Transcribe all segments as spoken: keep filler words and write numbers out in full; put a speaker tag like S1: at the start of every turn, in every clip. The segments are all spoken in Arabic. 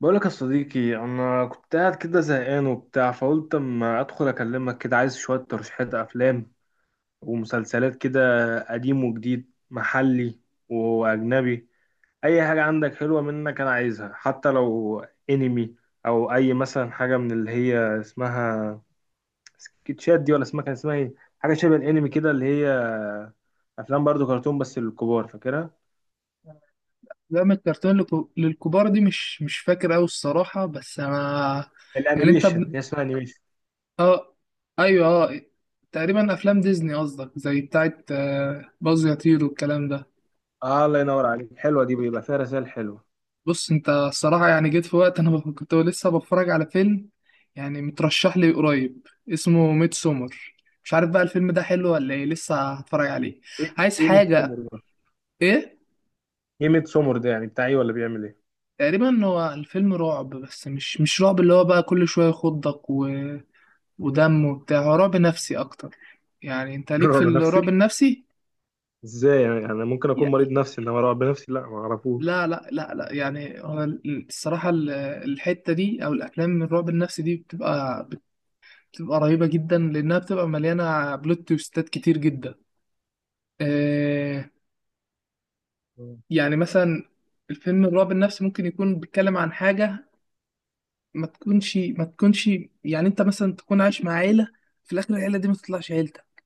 S1: بقولك يا صديقي، انا كنت قاعد كده زهقان وبتاع، فقلت اما ادخل اكلمك كده. عايز شوية ترشيحات افلام ومسلسلات كده، قديم وجديد، محلي واجنبي. اي حاجة عندك حلوة منك انا عايزها، حتى لو انمي او اي مثلا حاجة من اللي هي اسمها سكتشات دي، ولا اسمها كان اسمها ايه، حاجة شبه الانمي كده، اللي هي افلام برضو كرتون بس للكبار، فاكرها
S2: أفلام الكرتون للك- للكبار دي مش مش فاكر أوي الصراحة، بس أنا يعني أنت
S1: الانيميشن؟
S2: ب...
S1: هي اسمها انيميشن.
S2: آه، أيوه، آه. تقريبا أفلام ديزني قصدك، زي بتاعة آه، باز يطير والكلام ده.
S1: اه الله ينور عليك، حلوة دي بيبقى فيها رسائل حلوة.
S2: بص، أنت الصراحة يعني جيت في وقت أنا بف- كنت لسه بتفرج على فيلم يعني مترشح لي قريب اسمه ميد سومر. مش عارف بقى الفيلم ده حلو ولا إيه، لسه هتفرج عليه.
S1: ايه
S2: عايز
S1: ايه
S2: حاجة؟
S1: ميدسومر ده؟
S2: إيه؟
S1: ايه ميدسومر ده، يعني بتاع ايه ولا بيعمل ايه؟
S2: تقريبا هو الفيلم رعب، بس مش مش رعب اللي هو بقى كل شوية يخضك و... ودم وبتاع، هو رعب نفسي اكتر. يعني انت ليك في
S1: رعب
S2: الرعب
S1: نفسي؟
S2: النفسي؟
S1: ازاي يعني؟ انا ممكن اكون مريض
S2: يعني
S1: نفسي، انما رعب نفسي لا ما اعرفوش.
S2: لا لا لا لا، يعني هو ال- الصراحة ال- الحتة دي او الافلام من الرعب النفسي دي بتبقى بتبقى رهيبة جدا لانها بتبقى مليانة بلوت تويستات كتير جدا. آه.
S1: آه.
S2: يعني مثلا الفيلم الرعب النفسي ممكن يكون بيتكلم عن حاجة ما تكونش ما تكونش. يعني انت مثلا تكون عايش مع عيلة، في الاخر العيلة دي ما تطلعش عيلتك،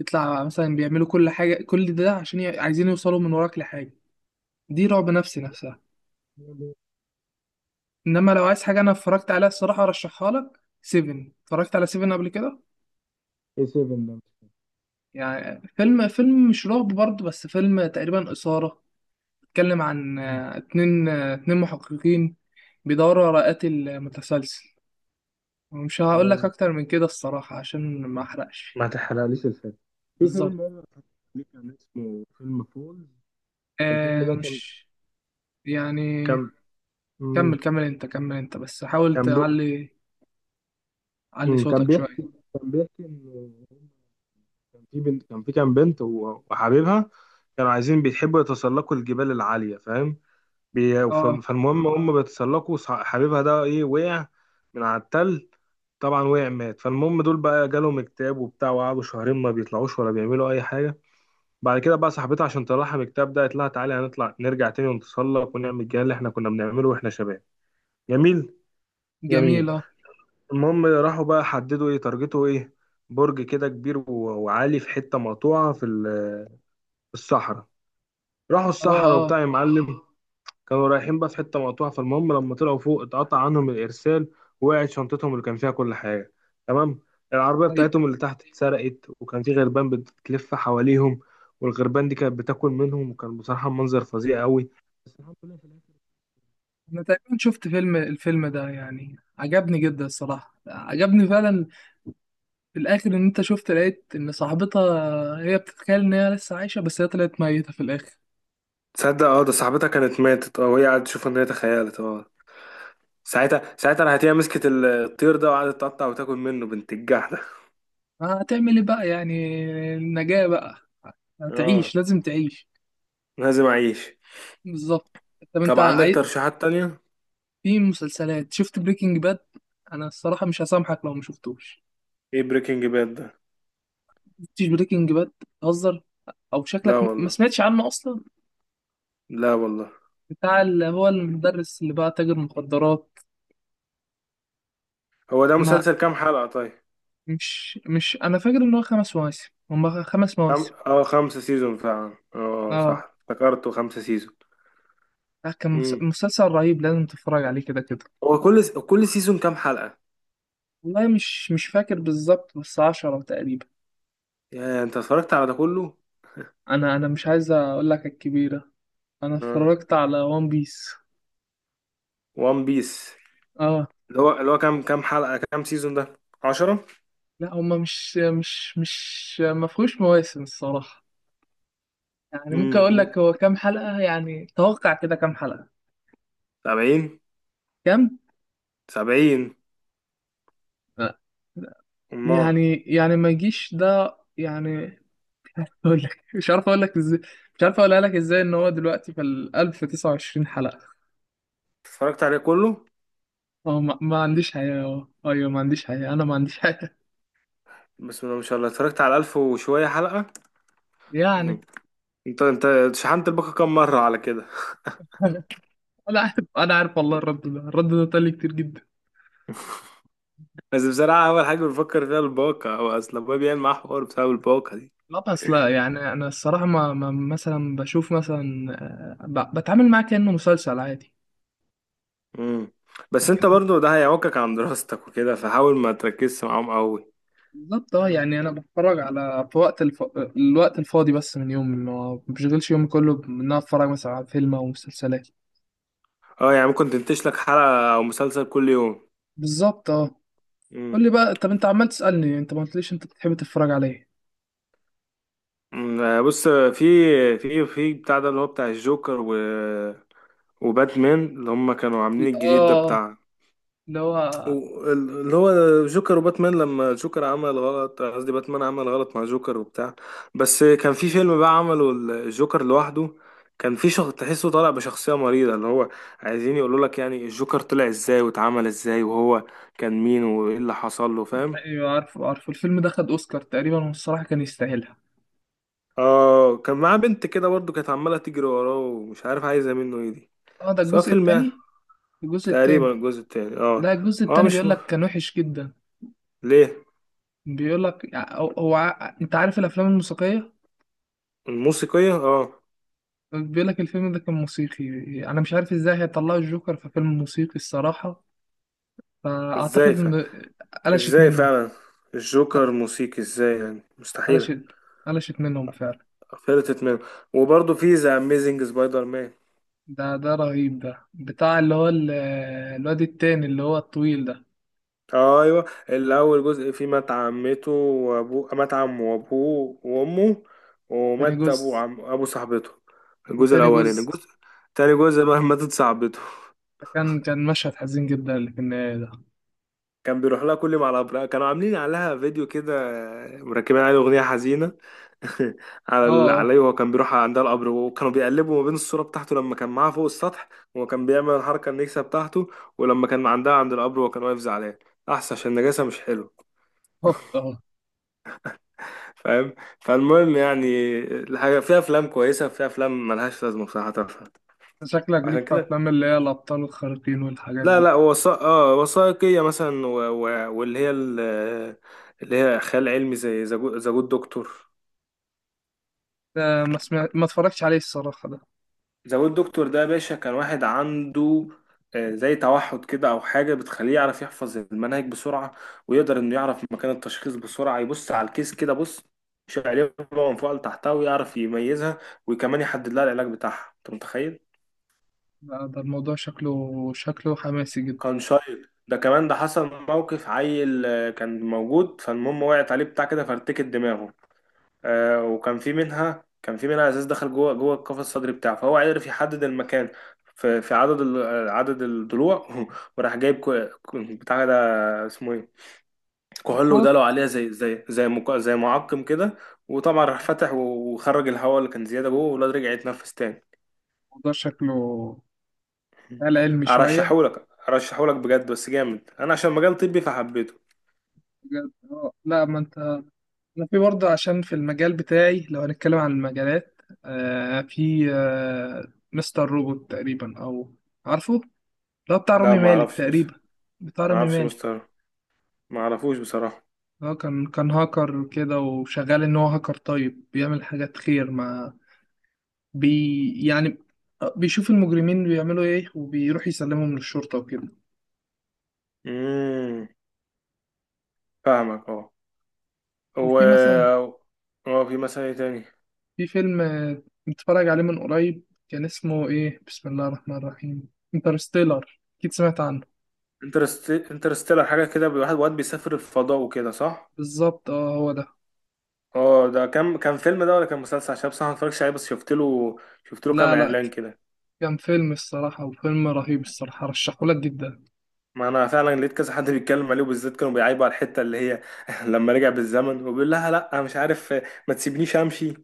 S2: يطلع مثلا بيعملوا كل حاجة، كل ده عشان ي- عايزين يوصلوا من وراك لحاجة. دي رعب نفسي نفسها. انما لو عايز حاجه انا اتفرجت عليها الصراحه ارشحها لك سيفن، اتفرجت على سيفن قبل كده؟
S1: ايه سيفن ده؟
S2: يعني فيلم فيلم مش رعب برضه، بس فيلم تقريبا اثاره. اتكلم عن
S1: مم.
S2: آه، اتنين، آه، اتنين محققين بيدوروا على قاتل متسلسل. ومش هقول لك
S1: اه،
S2: اكتر من كده الصراحه عشان ما احرقش.
S1: ما تحرقليش الفيلم. في
S2: بالظبط.
S1: فيلم بقى ليه كان اسمه فيلم فولز، الفيلم
S2: آه،
S1: ده كان
S2: مش يعني.
S1: كان مم.
S2: كمل كمل انت، كمل انت، بس حاول
S1: كان بي...
S2: تعلي علي
S1: مم. كان
S2: صوتك شويه.
S1: بيحكي، كان بيحكي ان كان في بنت، كان في كام بنت و- وحبيبها، كانوا عايزين بيحبوا يتسلقوا الجبال العالية، فاهم؟ بي- ف-
S2: اه،
S1: فالمهم هم بيتسلقوا، صح- حبيبها ده ايه وقع من على التل. طبعا وقع مات. فالمهم دول بقى جالهم اكتئاب وبتاع، وقعدوا شهرين ما بيطلعوش ولا بيعملوا اي حاجه. بعد كده بقى صاحبتها عشان تطلعها من الاكتئاب ده، قالت لها تعالي هنطلع نرجع تاني ونتسلق ونعمل الجهاز اللي احنا كنا بنعمله واحنا شباب. جميل جميل.
S2: جميله، اه،
S1: المهم راحوا بقى حددوا ايه تارجته ايه، برج كده كبير و- وعالي في حته مقطوعه في ال- في الصحراء. راحوا
S2: اه.
S1: الصحراء
S2: آه.
S1: وبتاع يا معلم. كانوا رايحين بقى في حتة مقطوعة، فالمهم لما طلعوا فوق اتقطع عنهم الإرسال، ووقعت شنطتهم اللي كان فيها كل حاجة. تمام. العربية
S2: طيب.
S1: بتاعتهم اللي تحت اتسرقت، وكان في غربان بتلف حواليهم، والغربان دي كانت بتاكل منهم، وكان بصراحة منظر فظيع قوي. بس الحمد لله في الآخر.
S2: انا تقريبا شفت فيلم الفيلم ده، يعني عجبني جدا الصراحه، عجبني فعلا. في الاخر ان انت شفت لقيت ان صاحبتها هي بتتخيل ان هي لسه عايشه، بس هي طلعت ميته في الاخر.
S1: تصدق اه، ده صاحبتها كانت ماتت اه، وهي قاعدة تشوف ان هي تخيلت اه. ساعتها ساعتها راحت هي مسكت ال- الطير ده وقعدت تقطع وتاكل منه بنت الجح ده.
S2: هتعمل ايه بقى يعني؟ النجاه بقى،
S1: اه
S2: هتعيش، لازم تعيش.
S1: لازم اعيش.
S2: بالظبط. طب انت
S1: طب عندك
S2: عاي...
S1: ترشيحات تانية؟
S2: في مسلسلات، شفت بريكنج باد؟ انا الصراحه مش هسامحك لو ما شفتوش.
S1: ايه بريكنج باد ده؟
S2: شفتش بريكنج باد؟ تهزر؟ او
S1: لا
S2: شكلك ما ما
S1: والله،
S2: سمعتش عنه اصلا.
S1: لا والله.
S2: بتاع اللي هو المدرس اللي بقى تاجر مخدرات.
S1: هو ده
S2: ما
S1: مسلسل كام حلقة طيب؟
S2: مش مش انا فاكر ان هو خمس مواسم، هم خمس
S1: خم...
S2: مواسم.
S1: اه، خمسة سيزون فعلا، اه صح
S2: اه.
S1: افتكرته خمسة سيزون.
S2: لا، كان مس-
S1: امم.
S2: مسلسل رهيب، لازم تتفرج عليه كده كده.
S1: هو كل س... كل سيزون كام حلقة؟
S2: والله مش مش فاكر بالظبط، بس عشرة تقريبا.
S1: يعني انت اتفرجت على ده كله؟
S2: انا انا مش عايز اقول لك الكبيرة. انا
S1: اه،
S2: اتفرجت على وان بيس.
S1: وان بيس.
S2: اه.
S1: اللي هو اللي هو كام كام حلقة كام سيزون ده؟ عشرة؟
S2: لا هم مش مش مش ما فيهوش مواسم الصراحة. يعني ممكن اقول
S1: امم.
S2: لك هو كام حلقة، يعني توقع كده كام حلقة.
S1: سبعين.
S2: كام؟
S1: سبعين.
S2: لا.
S1: امال؟
S2: يعني يعني ما يجيش ده يعني. اقول لك مش عارف اقول لك ازاي. مش عارف اقولها لك ازاي ان هو دلوقتي في ال ألف وتسعة وعشرين حلقة.
S1: اتفرجت عليه كله؟
S2: اه، ما, ما عنديش حياة، اه، ايوه، ما عنديش حياة، انا ما عنديش حياة
S1: بسم الله ما شاء الله، اتفرجت على ألف وشوية حلقة.
S2: يعني.
S1: مم. انت انت شحنت الباقة كام مرة على كده؟
S2: انا أنا عارف، انا عارف، والله الرد ده الرد ده طلع كتير جدا.
S1: بس بصراحة أول حاجة بفكر فيها الباقة، هو أصل أبويا بيعمل معاه حوار بسبب الباقة.
S2: لا بس لا، يعني انا الصراحة ما, ما مثلا بشوف مثلا، آه، ب- بتعامل معاه كأنه مسلسل عادي.
S1: مم. بس
S2: لكن
S1: انت برضو ده هيعوقك عن دراستك وكده، فحاول ما تركزش معاهم قوي.
S2: بالظبط، اه،
S1: فاهم؟
S2: يعني انا بتفرج على في وقت الف... الوقت الفاضي، بس من يومي، ما بشغلش يومي كله ان انا اتفرج مثلا على فيلم او مسلسلات.
S1: اه، يعني ممكن تنتج لك حلقة او مسلسل كل يوم.
S2: بالظبط، اه.
S1: مم.
S2: قول لي بقى، طب انت عمال تسألني انت ما قلتليش انت بتحب تتفرج على ايه.
S1: مم. آه، بص، في في في بتاع ده اللي هو بتاع الجوكر و وباتمان، اللي هم كانوا عاملين الجديد ده
S2: اه.
S1: بتاع،
S2: اللي هو.
S1: و- ال- اللي هو جوكر وباتمان، لما جوكر عمل غلط، قصدي باتمان عمل غلط مع جوكر وبتاع. بس كان في فيلم بقى عمله الجوكر لوحده. كان في شخص تحسه طالع بشخصية مريضة، اللي هو عايزين يقولوا لك يعني الجوكر طلع ازاي واتعمل ازاي، وهو كان مين وايه اللي حصل له، فاهم؟
S2: ايوه، عارفه عارفه الفيلم ده خد اوسكار تقريبا والصراحة كان يستاهلها.
S1: اه كان معاه بنت كده برضه، كانت عمالة تجري وراه ومش عارف عايزة منه ايه دي،
S2: اه، ده
S1: سواء
S2: الجزء
S1: فيلم يعني.
S2: التاني. الجزء
S1: تقريبا
S2: التاني.
S1: الجزء التاني اه.
S2: لا الجزء
S1: اه
S2: التاني
S1: مش
S2: بيقول
S1: م...
S2: لك كان وحش جدا.
S1: ليه؟
S2: بيقول لك هو هو ع- انت عارف الافلام الموسيقية.
S1: الموسيقية اه.
S2: بيقول لك الفيلم ده كان موسيقي. انا مش عارف ازاي هيطلعوا الجوكر في فيلم موسيقي الصراحة.
S1: ازاي؟
S2: فاعتقد ان قلشت
S1: ازاي
S2: منهم.
S1: فعلا؟ الجوكر موسيقي ازاي يعني؟ مستحيلة.
S2: قلشت قلشت منهم فعلا.
S1: فلتت منه. وبرضه في ذا اميزنج سبايدر مان.
S2: ده ده رهيب، ده بتاع اللي هو ال- الواد التاني اللي هو الطويل ده.
S1: ايوه، اللي اول جزء فيه مات عمته وابوه، مات عمه وابوه وامه،
S2: تاني
S1: ومات ابو
S2: جزء،
S1: عم ابو صاحبته. الجزء
S2: وتاني
S1: الاولاني،
S2: جزء.
S1: الجزء تاني جزء بقى ماتت صاحبته.
S2: كان كان مشهد حزين جدا اللي في النهاية ده.
S1: كان بيروح لها كل ما على أبرقها كانوا عاملين عليها فيديو كده مركبين عليه أغنية حزينة. على
S2: اه،
S1: ال-
S2: اه،
S1: عليه، وهو كان بيروح عندها القبر، وكانوا بيقلبوا ما بين الصورة بتاعته لما كان معاها فوق السطح وهو كان بيعمل الحركة النكسة بتاعته، ولما كان عندها عند القبر وهو كان واقف زعلان. أحسن عشان النجاسة مش حلو،
S2: هوب، اه.
S1: فاهم؟ فالمهم يعني الحاجة فيها أفلام كويسة، فيها أفلام ملهاش لازمة بصراحة تافهة.
S2: شكلك ليك
S1: عشان
S2: في
S1: كده،
S2: أفلام اللي هي الأبطال الخارقين والحاجات
S1: لا
S2: دي.
S1: لا، وثائق اه وثائقية مثلا و... و... واللي هي ال... اللي هي خيال علمي زي ذا جود دكتور.
S2: ده ما سمع... ما اتفرجتش عليه الصراحة ده.
S1: ذا ويب دكتور ده يا باشا، كان واحد عنده آه، زي توحد كده او حاجه بتخليه يعرف يحفظ المناهج بسرعه، ويقدر انه يعرف مكان التشخيص بسرعه، يبص على الكيس كده بص يشيل عليه من فوق لتحتها ويعرف يميزها، وكمان يحدد لها العلاج بتاعها. انت متخيل؟
S2: ده ده الموضوع شكله، شكله حماسي جدا.
S1: كان شايل ده كمان. ده حصل موقف عيل، آه، كان موجود، فالمهم وقعت عليه بتاع كده فارتكت دماغه. آه، وكان في منها، كان في منها ازاز دخل جوه جوه القفص الصدري بتاعه، فهو عرف يحدد المكان في في عدد ال- عدد الضلوع. وراح جايب كو- كو- بتاع ده اسمه ايه، كحول، وداله عليها زي زي زي مك- زي معقم كده. وطبعا راح فتح وخرج الهواء اللي كان زياده جوه، والواد رجع يتنفس تاني.
S2: الموضوع شكله خيال علمي شوية.
S1: ارشحهولك ارشحهولك بجد، بس جامد انا عشان مجال طبي فحبيته.
S2: بجد، اه. لا ما انت، أنا في برضه عشان في المجال بتاعي لو هنتكلم عن المجالات، آه في آه مستر روبوت تقريبا، أو عارفه؟ ده بتاع
S1: لا
S2: رامي
S1: ما
S2: مالك
S1: اعرفش بس،
S2: تقريبا. بتاع
S1: ما
S2: رامي
S1: اعرفش
S2: مالك.
S1: مستر، ما اعرفوش بصراحه.
S2: هو كان كان هاكر كده، وشغال إن هو هاكر طيب بيعمل حاجات خير مع بي يعني آه، بيشوف المجرمين بيعملوا إيه وبيروح يسلمهم للشرطة وكده.
S1: امم. فاهمك اه. و
S2: وفي مثلا،
S1: اه، في مثلا ايه تاني؟
S2: في فيلم آه، متفرج عليه من قريب. كان اسمه إيه، بسم الله الرحمن الرحيم، انترستيلر. أكيد سمعت عنه.
S1: انترست انترستيلر، حاجه كده واحد واد بيسافر الفضاء وكده، صح؟
S2: بالظبط، اه، هو ده.
S1: اه، ده كان كان فيلم ده ولا كان مسلسل؟ عشان بصراحه ما اتفرجتش عليه، بس شفت له شفت له كام
S2: لا لا
S1: اعلان كده.
S2: كان فيلم الصراحة، وفيلم رهيب الصراحة، رشحهولك جدا.
S1: ما انا فعلا لقيت كذا حد بيتكلم عليه، وبالذات كانوا بيعيبوا على الحته اللي هي لما رجع بالزمن وبيقول لها لا أنا مش عارف ما تسيبنيش امشي،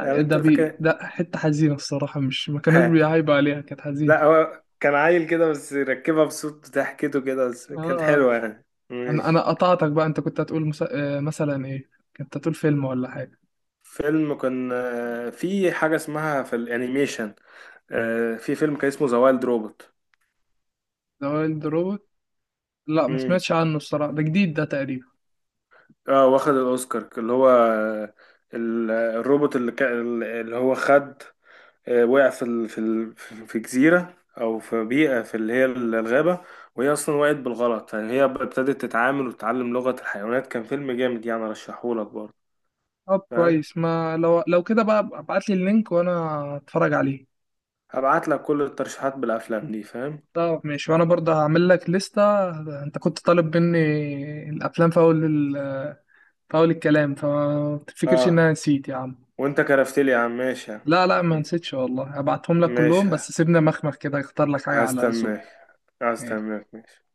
S1: يعني انت
S2: ده بي
S1: فاكر؟
S2: ده حتة حزينة الصراحة، مش ما كانوش
S1: ها.
S2: بيعيبوا عليها، كانت حزينة.
S1: لا هو كان عيل كده بس ركبها بصوت ضحكته كده، بس
S2: اه.
S1: كانت
S2: آه.
S1: حلوه يعني،
S2: انا انا
S1: ماشي.
S2: قطعتك بقى، انت كنت هتقول مس... آه، مثلا ايه، كنت هتقول فيلم ولا حاجة.
S1: فيلم كان، آه، في حاجة اسمها في الانيميشن، آه، في فيلم كان اسمه ذا وايلد روبوت.
S2: ذا وايلد روبوت. لا ما
S1: امم.
S2: سمعتش عنه الصراحة، ده جديد ده تقريبا.
S1: اه واخد الاوسكار، اللي هو آه، ال- الروبوت اللي, كا- اللي هو خد، آه، وقع في ال... في ال... في جزيرة او في بيئة في اللي هي الغابة، وهي اصلا وقعت بالغلط يعني. هي ابتدت تتعامل وتتعلم لغة الحيوانات. كان فيلم جامد يعني، ارشحهولك برضه.
S2: طب
S1: فاهم؟
S2: كويس، ما لو لو كده بقى ابعت لي اللينك وانا اتفرج عليه.
S1: هبعت لك كل الترشيحات بالافلام دي، فاهم؟
S2: طب ماشي، وانا برضه هعمل لك لستة. انت كنت طالب مني الافلام في اول، فاول الكلام، فما تفتكرش ان
S1: اه.
S2: انا نسيت يا عم.
S1: وانت كرفت لي يا عم، ماشي يا
S2: لا لا ما
S1: عم.
S2: نسيتش والله، هبعتهم لك كلهم،
S1: ماشي.
S2: بس سيبنا مخمخ كده اختار لك حاجة على
S1: هستناك.
S2: ذوقي.
S1: هستناك. ماشي.